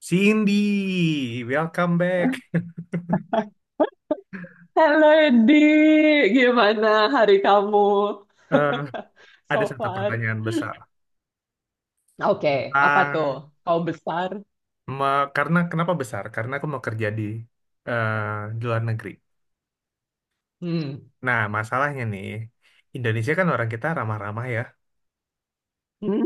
Cindy, welcome back. Halo Edi, gimana hari kamu Eh, so ada satu far? pertanyaan besar. Oke, apa tuh? Tentang, Kau besar? Karena kenapa besar? Karena aku mau kerja di eh, di luar negeri. Hmm. Nah, masalahnya nih, Indonesia kan orang kita ramah-ramah ya. Hmm.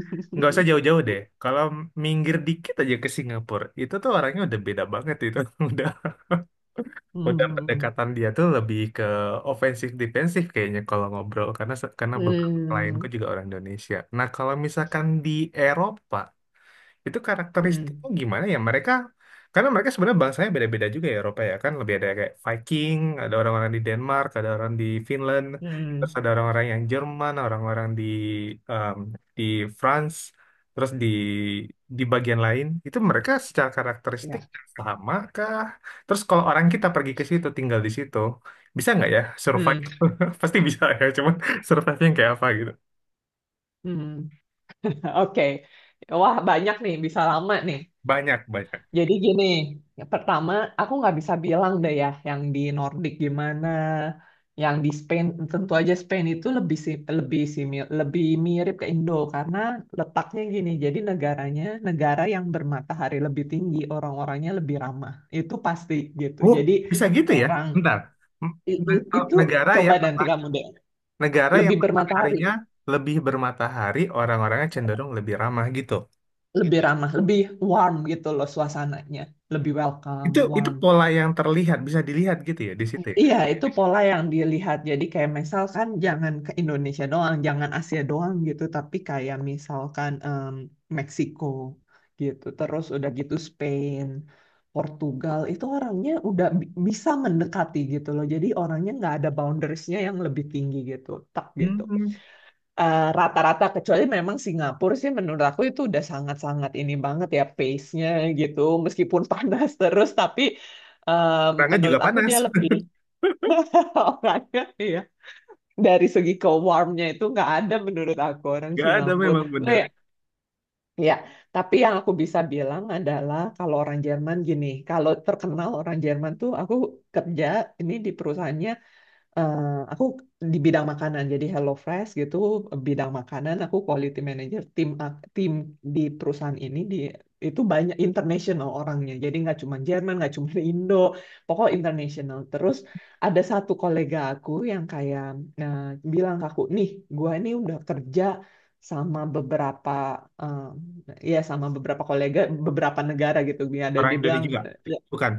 Nggak usah jauh-jauh deh. Kalau minggir dikit aja ke Singapura, itu tuh orangnya udah beda banget itu. Udah, udah Hmm. pendekatan dia tuh lebih ke ofensif defensif kayaknya kalau ngobrol. Karena karena beberapa klienku Hmm. juga orang Indonesia. Nah, kalau misalkan di Eropa itu Hmm. karakteristiknya gimana ya mereka karena mereka sebenarnya bangsanya beda-beda juga ya Eropa ya kan lebih ada kayak Viking, ada orang-orang di Denmark, ada orang di Finland, terus Hmm. ada orang-orang yang Jerman, orang-orang di em, di France, terus di bagian lain itu mereka secara karakteristik Ya. sama kah, terus kalau orang kita pergi ke situ tinggal di situ bisa nggak ya survive. Hmm. Pasti bisa ya cuman survive yang kayak apa gitu, Hmm. Oke. Wah, banyak nih, bisa lama nih. banyak banyak. Jadi gini, ya pertama aku nggak bisa bilang deh ya yang di Nordic gimana, yang di Spain tentu aja Spain itu lebih lebih simi- lebih mirip ke Indo karena letaknya gini. Jadi negaranya negara yang bermatahari lebih tinggi, orang-orangnya lebih ramah. Itu pasti gitu. Oh, Jadi bisa gitu ya? orang Bentar. M- ne- itu Negara coba yang nanti kamu deh, negara yang lebih bermatahari, mataharinya lebih bermatahari, orang-orangnya cenderung lebih ramah gitu. lebih ramah, lebih warm gitu loh suasananya, lebih welcome, Itu warm. pola yang terlihat, bisa dilihat gitu ya di situ ya. Iya, itu pola yang dilihat. Jadi kayak misalkan jangan ke Indonesia doang, jangan Asia doang gitu, tapi kayak misalkan Meksiko gitu. Terus udah gitu Spain, Portugal, itu orangnya udah bisa mendekati gitu loh. Jadi orangnya nggak ada boundariesnya yang lebih tinggi gitu, tak gitu. Hmm, Rata-rata kecuali memang Singapura sih menurut aku itu udah sangat-sangat ini banget ya pace-nya gitu. Meskipun panas terus, tapi eh, orangnya juga menurut aku panas. dia lebih orangnya, iya. Dari segi ke warmnya itu nggak ada menurut aku orang Gak ada Singapura. memang Nah, bener. ya, ya. Tapi yang aku bisa bilang adalah kalau orang Jerman gini, kalau terkenal orang Jerman tuh aku kerja ini di perusahaannya eh, aku di bidang makanan, jadi HelloFresh gitu, bidang makanan, aku quality manager tim di perusahaan ini di itu banyak international orangnya, jadi nggak cuma Jerman, nggak cuma Indo, pokoknya international. Terus ada satu kolega aku yang kayak eh, bilang ke aku, nih, gua ini udah kerja sama beberapa eh, ya sama beberapa kolega beberapa negara gitu. Dia ada Orang dia bilang Indonesia juga. Bukan.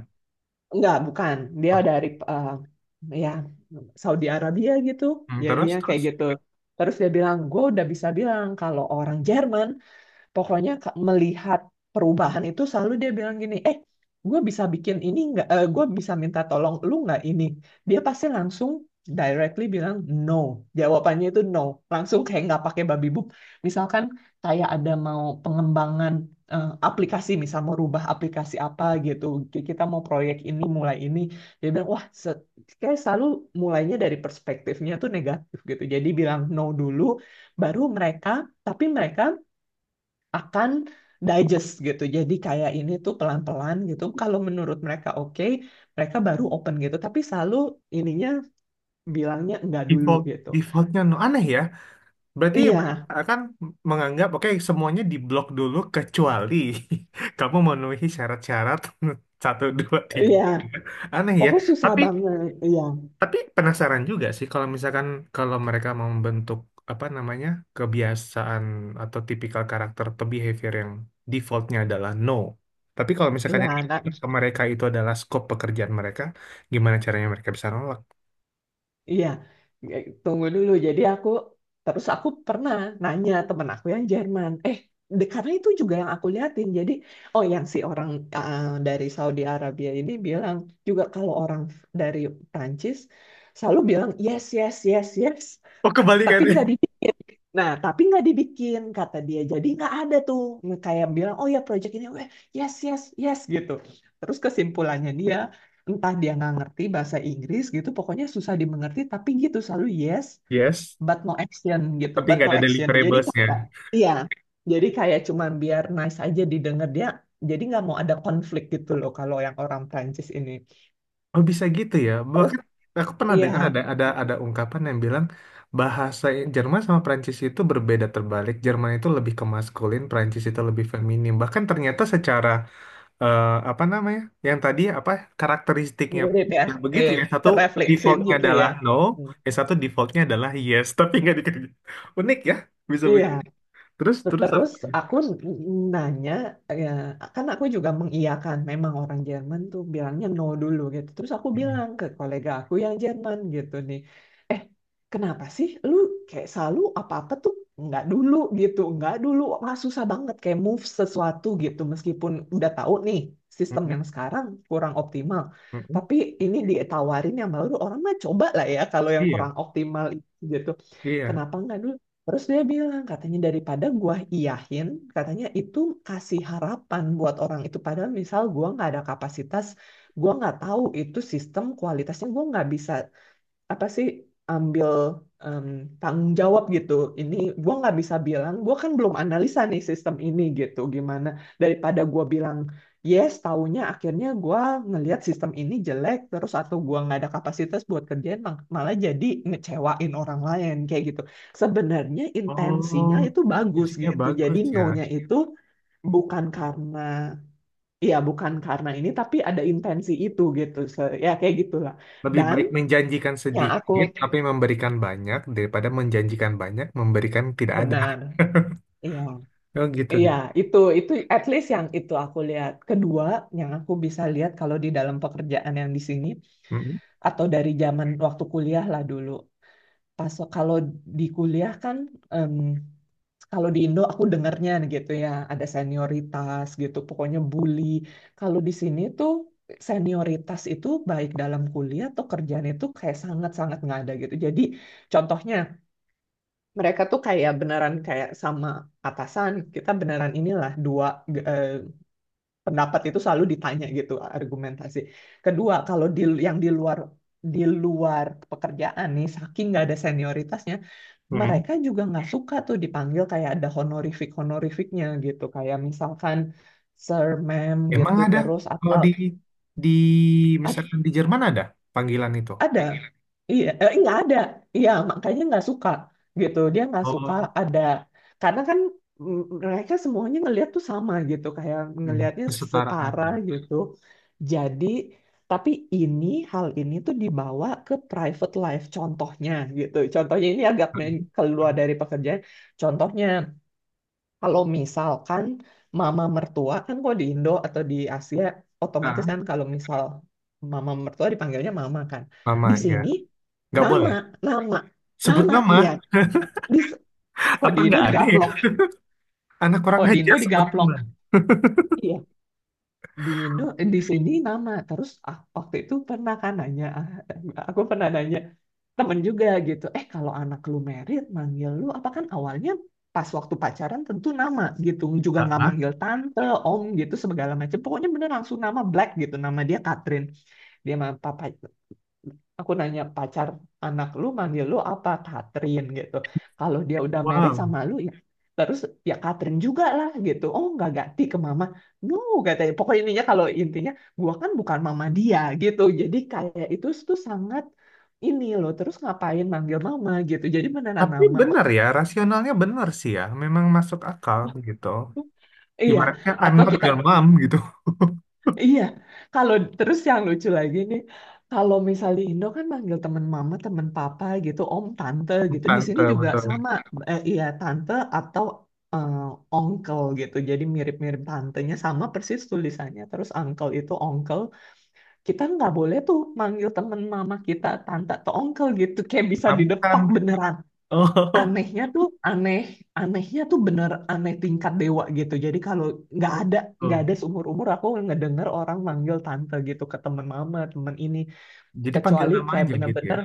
enggak, bukan. Dia Oke. dari ya Saudi Arabia gitu. Hmm, terus Jadinya terus kayak gitu. Terus dia bilang, gue udah bisa bilang kalau orang Jerman pokoknya melihat perubahan itu selalu dia bilang gini, gue bisa bikin ini nggak? Eh, gue bisa minta tolong lu nggak ini? Dia pasti langsung directly bilang no. Jawabannya itu no. Langsung kayak nggak pakai babi bup. Misalkan kayak ada mau pengembangan aplikasi, misal mau rubah aplikasi apa gitu. Kita mau proyek ini, mulai ini. Dia bilang, wah, kayak selalu mulainya dari perspektifnya tuh negatif gitu. Jadi bilang no dulu, baru mereka, tapi mereka akan digest gitu. Jadi kayak ini tuh pelan-pelan gitu. Kalau menurut mereka oke, mereka baru open gitu. Tapi selalu ininya bilangnya enggak dulu default, gitu. defaultnya no aneh ya. Berarti Iya, mereka akan menganggap, oke, semuanya diblok dulu kecuali kamu memenuhi syarat-syarat satu, dua, tiga. iya. Tiga. Aneh ya. Pokoknya susah Tapi banget. Iya, tapi penasaran juga sih kalau misalkan kalau mereka mau membentuk apa namanya, kebiasaan atau tipikal karakter atau behavior yang defaultnya adalah no. Tapi kalau misalkan iya. yang Nah, dibentuk ke mereka itu adalah scope pekerjaan mereka, gimana caranya mereka bisa nolak? iya, tunggu dulu. Jadi aku terus aku pernah nanya temen aku yang Jerman, karena itu juga yang aku liatin. Jadi oh yang si orang dari Saudi Arabia ini bilang juga kalau orang dari Prancis selalu bilang yes yes yes yes, Oh, tapi kebalikannya. nggak di nah, tapi nggak dibikin, kata dia. Jadi nggak ada tuh kayak bilang, oh ya project ini, weh, yes, yes, yes gitu. Terus kesimpulannya dia, entah dia nggak ngerti bahasa Inggris gitu, pokoknya susah dimengerti, tapi gitu selalu yes, Yes, but no action gitu, tapi but nggak no ada action. Jadi deliverables. kayak, iya, jadi kayak cuman biar nice aja didengar dia, jadi nggak mau ada konflik gitu loh kalau yang orang Prancis ini. Oh bisa gitu ya. Terus, Bahkan aku pernah iya, dengar ada ungkapan yang bilang bahasa Jerman sama Prancis itu berbeda terbalik. Jerman itu lebih ke maskulin, Prancis itu lebih feminim. Bahkan ternyata secara eh, apa namanya? Yang tadi apa karakteristiknya pun mirip ya, juga begitu eh, ya. Satu terefleksi defaultnya gitu adalah ya. no, yang satu defaultnya adalah yes, tapi nggak dikerja. Unik ya, bisa begitu. Iya. Terus terus apa Terus lagi? aku nanya, ya, kan aku juga mengiyakan, memang orang Jerman tuh bilangnya no dulu gitu. Terus aku bilang ke kolega aku yang Jerman gitu nih, eh kenapa sih lu kayak selalu apa-apa tuh nggak dulu gitu, nggak dulu, wah susah banget kayak move sesuatu gitu, meskipun udah tahu nih sistem yang Mm-mm. sekarang kurang optimal. Mm-mm. Tapi ini ditawarin yang baru, orang mah coba lah ya kalau yang kurang Iya, optimal gitu. iya. Kenapa nggak dulu? Terus dia bilang, katanya daripada gua iyahin, katanya itu kasih harapan buat orang itu. Padahal misal gua nggak ada kapasitas, gua nggak tahu itu sistem kualitasnya, gua nggak bisa apa sih ambil em, tanggung jawab gitu. Ini gue nggak bisa bilang, gue kan belum analisa nih sistem ini gitu gimana. Daripada gue bilang yes, taunya akhirnya gue ngelihat sistem ini jelek terus atau gue nggak ada kapasitas buat kerjaan malah jadi ngecewain orang lain kayak gitu. Sebenarnya intensinya Oh, itu bagus isinya gitu. Jadi bagus ya. no-nya itu bukan karena ya bukan karena ini tapi ada intensi itu gitu. Ya kayak gitulah. Lebih Dan baik menjanjikan yang aku sedikit tapi memberikan banyak daripada menjanjikan banyak memberikan tidak ada. benar, iya. Oh gitu Iya, gitu. Itu at least yang itu aku lihat. Kedua, yang aku bisa lihat kalau di dalam pekerjaan yang di sini Mm-mm. atau dari zaman waktu kuliah lah dulu. Pas kalau di kuliah kan em, kalau di Indo aku dengarnya gitu ya, ada senioritas gitu, pokoknya bully. Kalau di sini tuh senioritas itu baik dalam kuliah atau kerjaan itu kayak sangat-sangat nggak ada gitu. Jadi contohnya mereka tuh kayak beneran kayak sama atasan kita beneran inilah dua eh, pendapat itu selalu ditanya gitu argumentasi kedua kalau di yang di luar pekerjaan nih saking nggak ada senioritasnya mereka juga nggak suka tuh dipanggil kayak ada honorificnya gitu kayak misalkan sir ma'am Emang gitu ada terus kalau atau di di I misalkan di Jerman ada panggilan itu. ada. Iya, nggak ada. Iya, makanya nggak suka gitu. Dia nggak suka Oh, ada karena kan mm, mereka semuanya ngelihat tuh sama gitu, kayak mm, ngelihatnya kesetaraan setara ya. gitu. Jadi, tapi ini hal ini tuh dibawa ke private life contohnya gitu. Contohnya ini agak keluar dari pekerjaan. Contohnya kalau misalkan mama mertua kan kalau di Indo atau di Asia otomatis Ah, kan kalau misal mama mertua dipanggilnya mama kan. Mama Di ya. sini Nggak nama, boleh. nama, Sebut nama, iya. nama. Di, kalau Apa di Indo nggak ada ya? digaplok, Anak orang kalau di aja Indo sebut digaplok. nama. Iya, di Indo eh, di sini nama terus ah, waktu itu pernah kan nanya ah, aku pernah nanya temen juga gitu eh kalau anak lu merit manggil lu apa kan awalnya pas waktu pacaran tentu nama gitu juga Ah, nggak ah. manggil tante om gitu segala macam pokoknya bener langsung nama Black gitu nama dia Catherine dia sama papa aku nanya pacar anak lu manggil lu apa Katrin gitu kalau dia udah married Wow. sama lu ya terus ya Katrin juga lah gitu oh nggak ganti ke mama no katanya pokoknya intinya kalau intinya gua kan bukan mama dia gitu jadi kayak itu tuh sangat ini loh terus ngapain manggil mama gitu jadi beneran Tapi nama benar ya, rasionalnya benar sih ya. Memang masuk akal gitu. iya Ibaratnya I'm atau not kita your mom gitu. iya, kalau terus yang lucu lagi nih, kalau misalnya di Indo kan manggil teman mama, teman papa gitu, om, tante gitu. Bukan, Di sini betul juga betul. sama, iya tante atau eh, onkel gitu. Jadi mirip-mirip tantenya sama persis tulisannya. Terus uncle itu onkel, kita nggak boleh tuh manggil teman mama kita tante atau onkel gitu, kayak bisa Nah, bukan. didepak beneran Oh, anehnya tuh aneh anehnya tuh bener aneh tingkat dewa gitu jadi kalau nggak oh, ada nggak gitu. ada seumur umur aku ngedenger orang manggil tante gitu ke temen mama ini Jadi panggil kecuali nama kayak aja gitu ya. bener-bener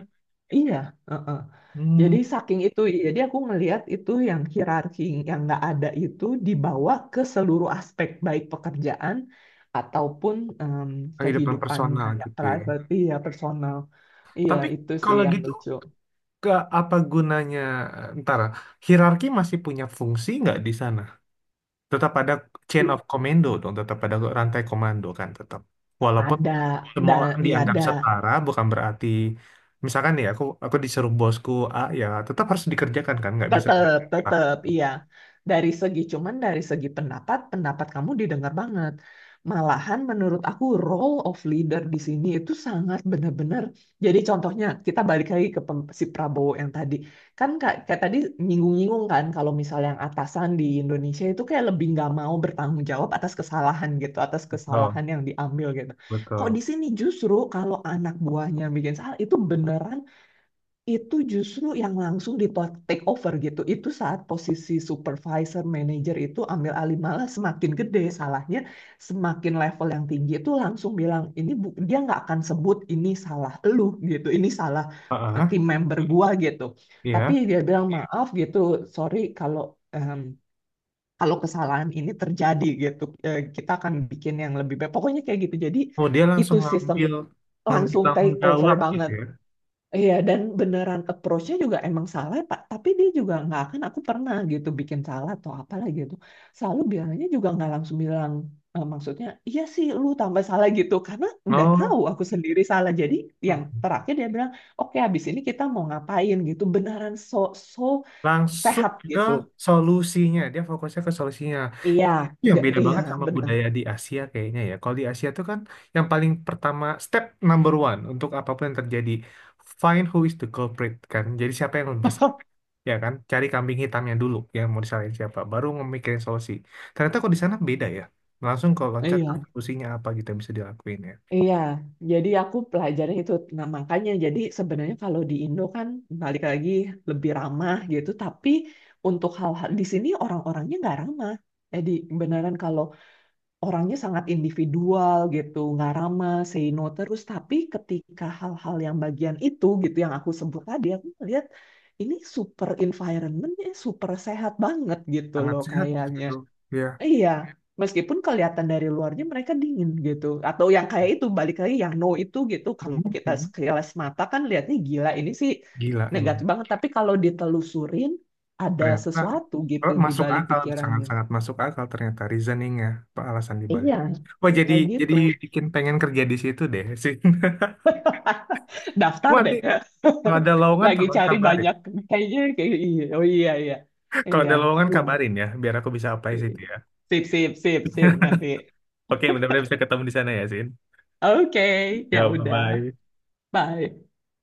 iya heeh. Hmm, Jadi saking itu jadi aku ngelihat itu yang hierarki yang nggak ada itu dibawa ke seluruh aspek baik pekerjaan ataupun em, kehidupan kehidupan personal kayak gitu ya. private ya personal iya Tapi itu sih kalau yang gitu, lucu ke apa gunanya? Ntar, hierarki masih punya fungsi nggak di sana? Tetap ada chain of I- commando dong, tetap ada rantai komando kan tetap. Walaupun ada semua dan orang iya dianggap ada setara, bukan berarti misalkan nih aku disuruh bosku A ya tetap harus dikerjakan kan nggak bisa tetap, ah. tetap, iya. Dari segi cuman dari segi pendapat, pendapat kamu didengar banget. Malahan menurut aku role of leader di sini itu sangat benar-benar. Jadi contohnya kita balik lagi ke si Prabowo yang tadi. Kan kayak, kayak tadi nyinggung-nyinggung kan kalau misalnya yang atasan di Indonesia itu kayak lebih nggak mau bertanggung jawab atas kesalahan gitu, atas Oh, kesalahan yang diambil gitu. Kok betul. di sini justru kalau anak buahnya bikin salah itu beneran itu justru yang langsung di take over gitu. Itu saat posisi supervisor, manager itu ambil alih malah semakin gede salahnya, semakin level yang tinggi itu langsung bilang ini dia nggak akan sebut ini salah lu gitu, ini salah Heeh, tim member gua gitu. Tapi iya. dia bilang maaf gitu, sorry kalau em, kalau kesalahan ini terjadi gitu, eh, kita akan bikin yang lebih baik. Pokoknya kayak gitu. Jadi Oh, dia langsung itu sistem ngambil, ngambil langsung tanggung take over jawab gitu banget. ya. Iya, dan beneran approach-nya juga emang salah, Pak. Tapi dia juga nggak akan aku pernah gitu bikin salah atau apalah gitu. Selalu bilangnya juga nggak langsung bilang maksudnya, iya sih lu tambah salah gitu. Karena udah tahu Oh, aku sendiri salah. Jadi yang mm-mm. terakhir dia bilang, oke habis ini kita mau ngapain gitu. Beneran so Langsung sehat ke gitu. solusinya. Dia fokusnya ke solusinya. Iya, Itu yang nggak- beda iya banget sama benar. budaya di Asia kayaknya ya. Kalau di Asia tuh kan yang paling pertama, step number one untuk apapun yang terjadi, find who is the culprit kan. Jadi siapa yang bersalah, ya kan? Cari kambing hitamnya dulu yang mau disalahin siapa. Baru memikirin solusi. Ternyata kok di sana beda ya. Langsung kalau loncat ke Iya. solusinya apa gitu yang bisa dilakuin ya. Iya, jadi aku pelajari itu. Nah, makanya jadi sebenarnya kalau di Indo kan balik lagi lebih ramah gitu, tapi untuk hal-hal di sini orang-orangnya nggak ramah. Jadi beneran kalau orangnya sangat individual gitu, nggak ramah, say no terus. Tapi ketika hal-hal yang bagian itu gitu yang aku sebut tadi, aku melihat ini super environmentnya super sehat banget gitu Sangat loh sehat kayaknya. justru ya. Iya, meskipun kelihatan dari luarnya mereka dingin gitu. Atau yang kayak itu, balik lagi yang no itu gitu. Kalau kita Mhm. sekilas mata kan lihatnya gila, ini sih Gila emang. negatif banget. Tapi kalau ditelusurin, ada Ternyata sesuatu gitu oh, di masuk balik akal, pikirannya. sangat-sangat masuk akal ternyata reasoningnya apa alasan dibalik. Iya, Wah jadi kayak jadi gitu. bikin pengen kerja di situ deh sih. Gua Daftar nanti deh. kalau ada lowongan Lagi tolong cari kabarin. banyak. Kayaknya kayak iya. Oh iya, iya. Kalau Iya, ada lowongan iya. kabarin ya biar aku bisa apply situ ya. Sip, sip, sip, sip nanti. Oke mudah-mudahan bisa ketemu di sana ya Sin, Oke, ya ya bye udah. bye. Bye.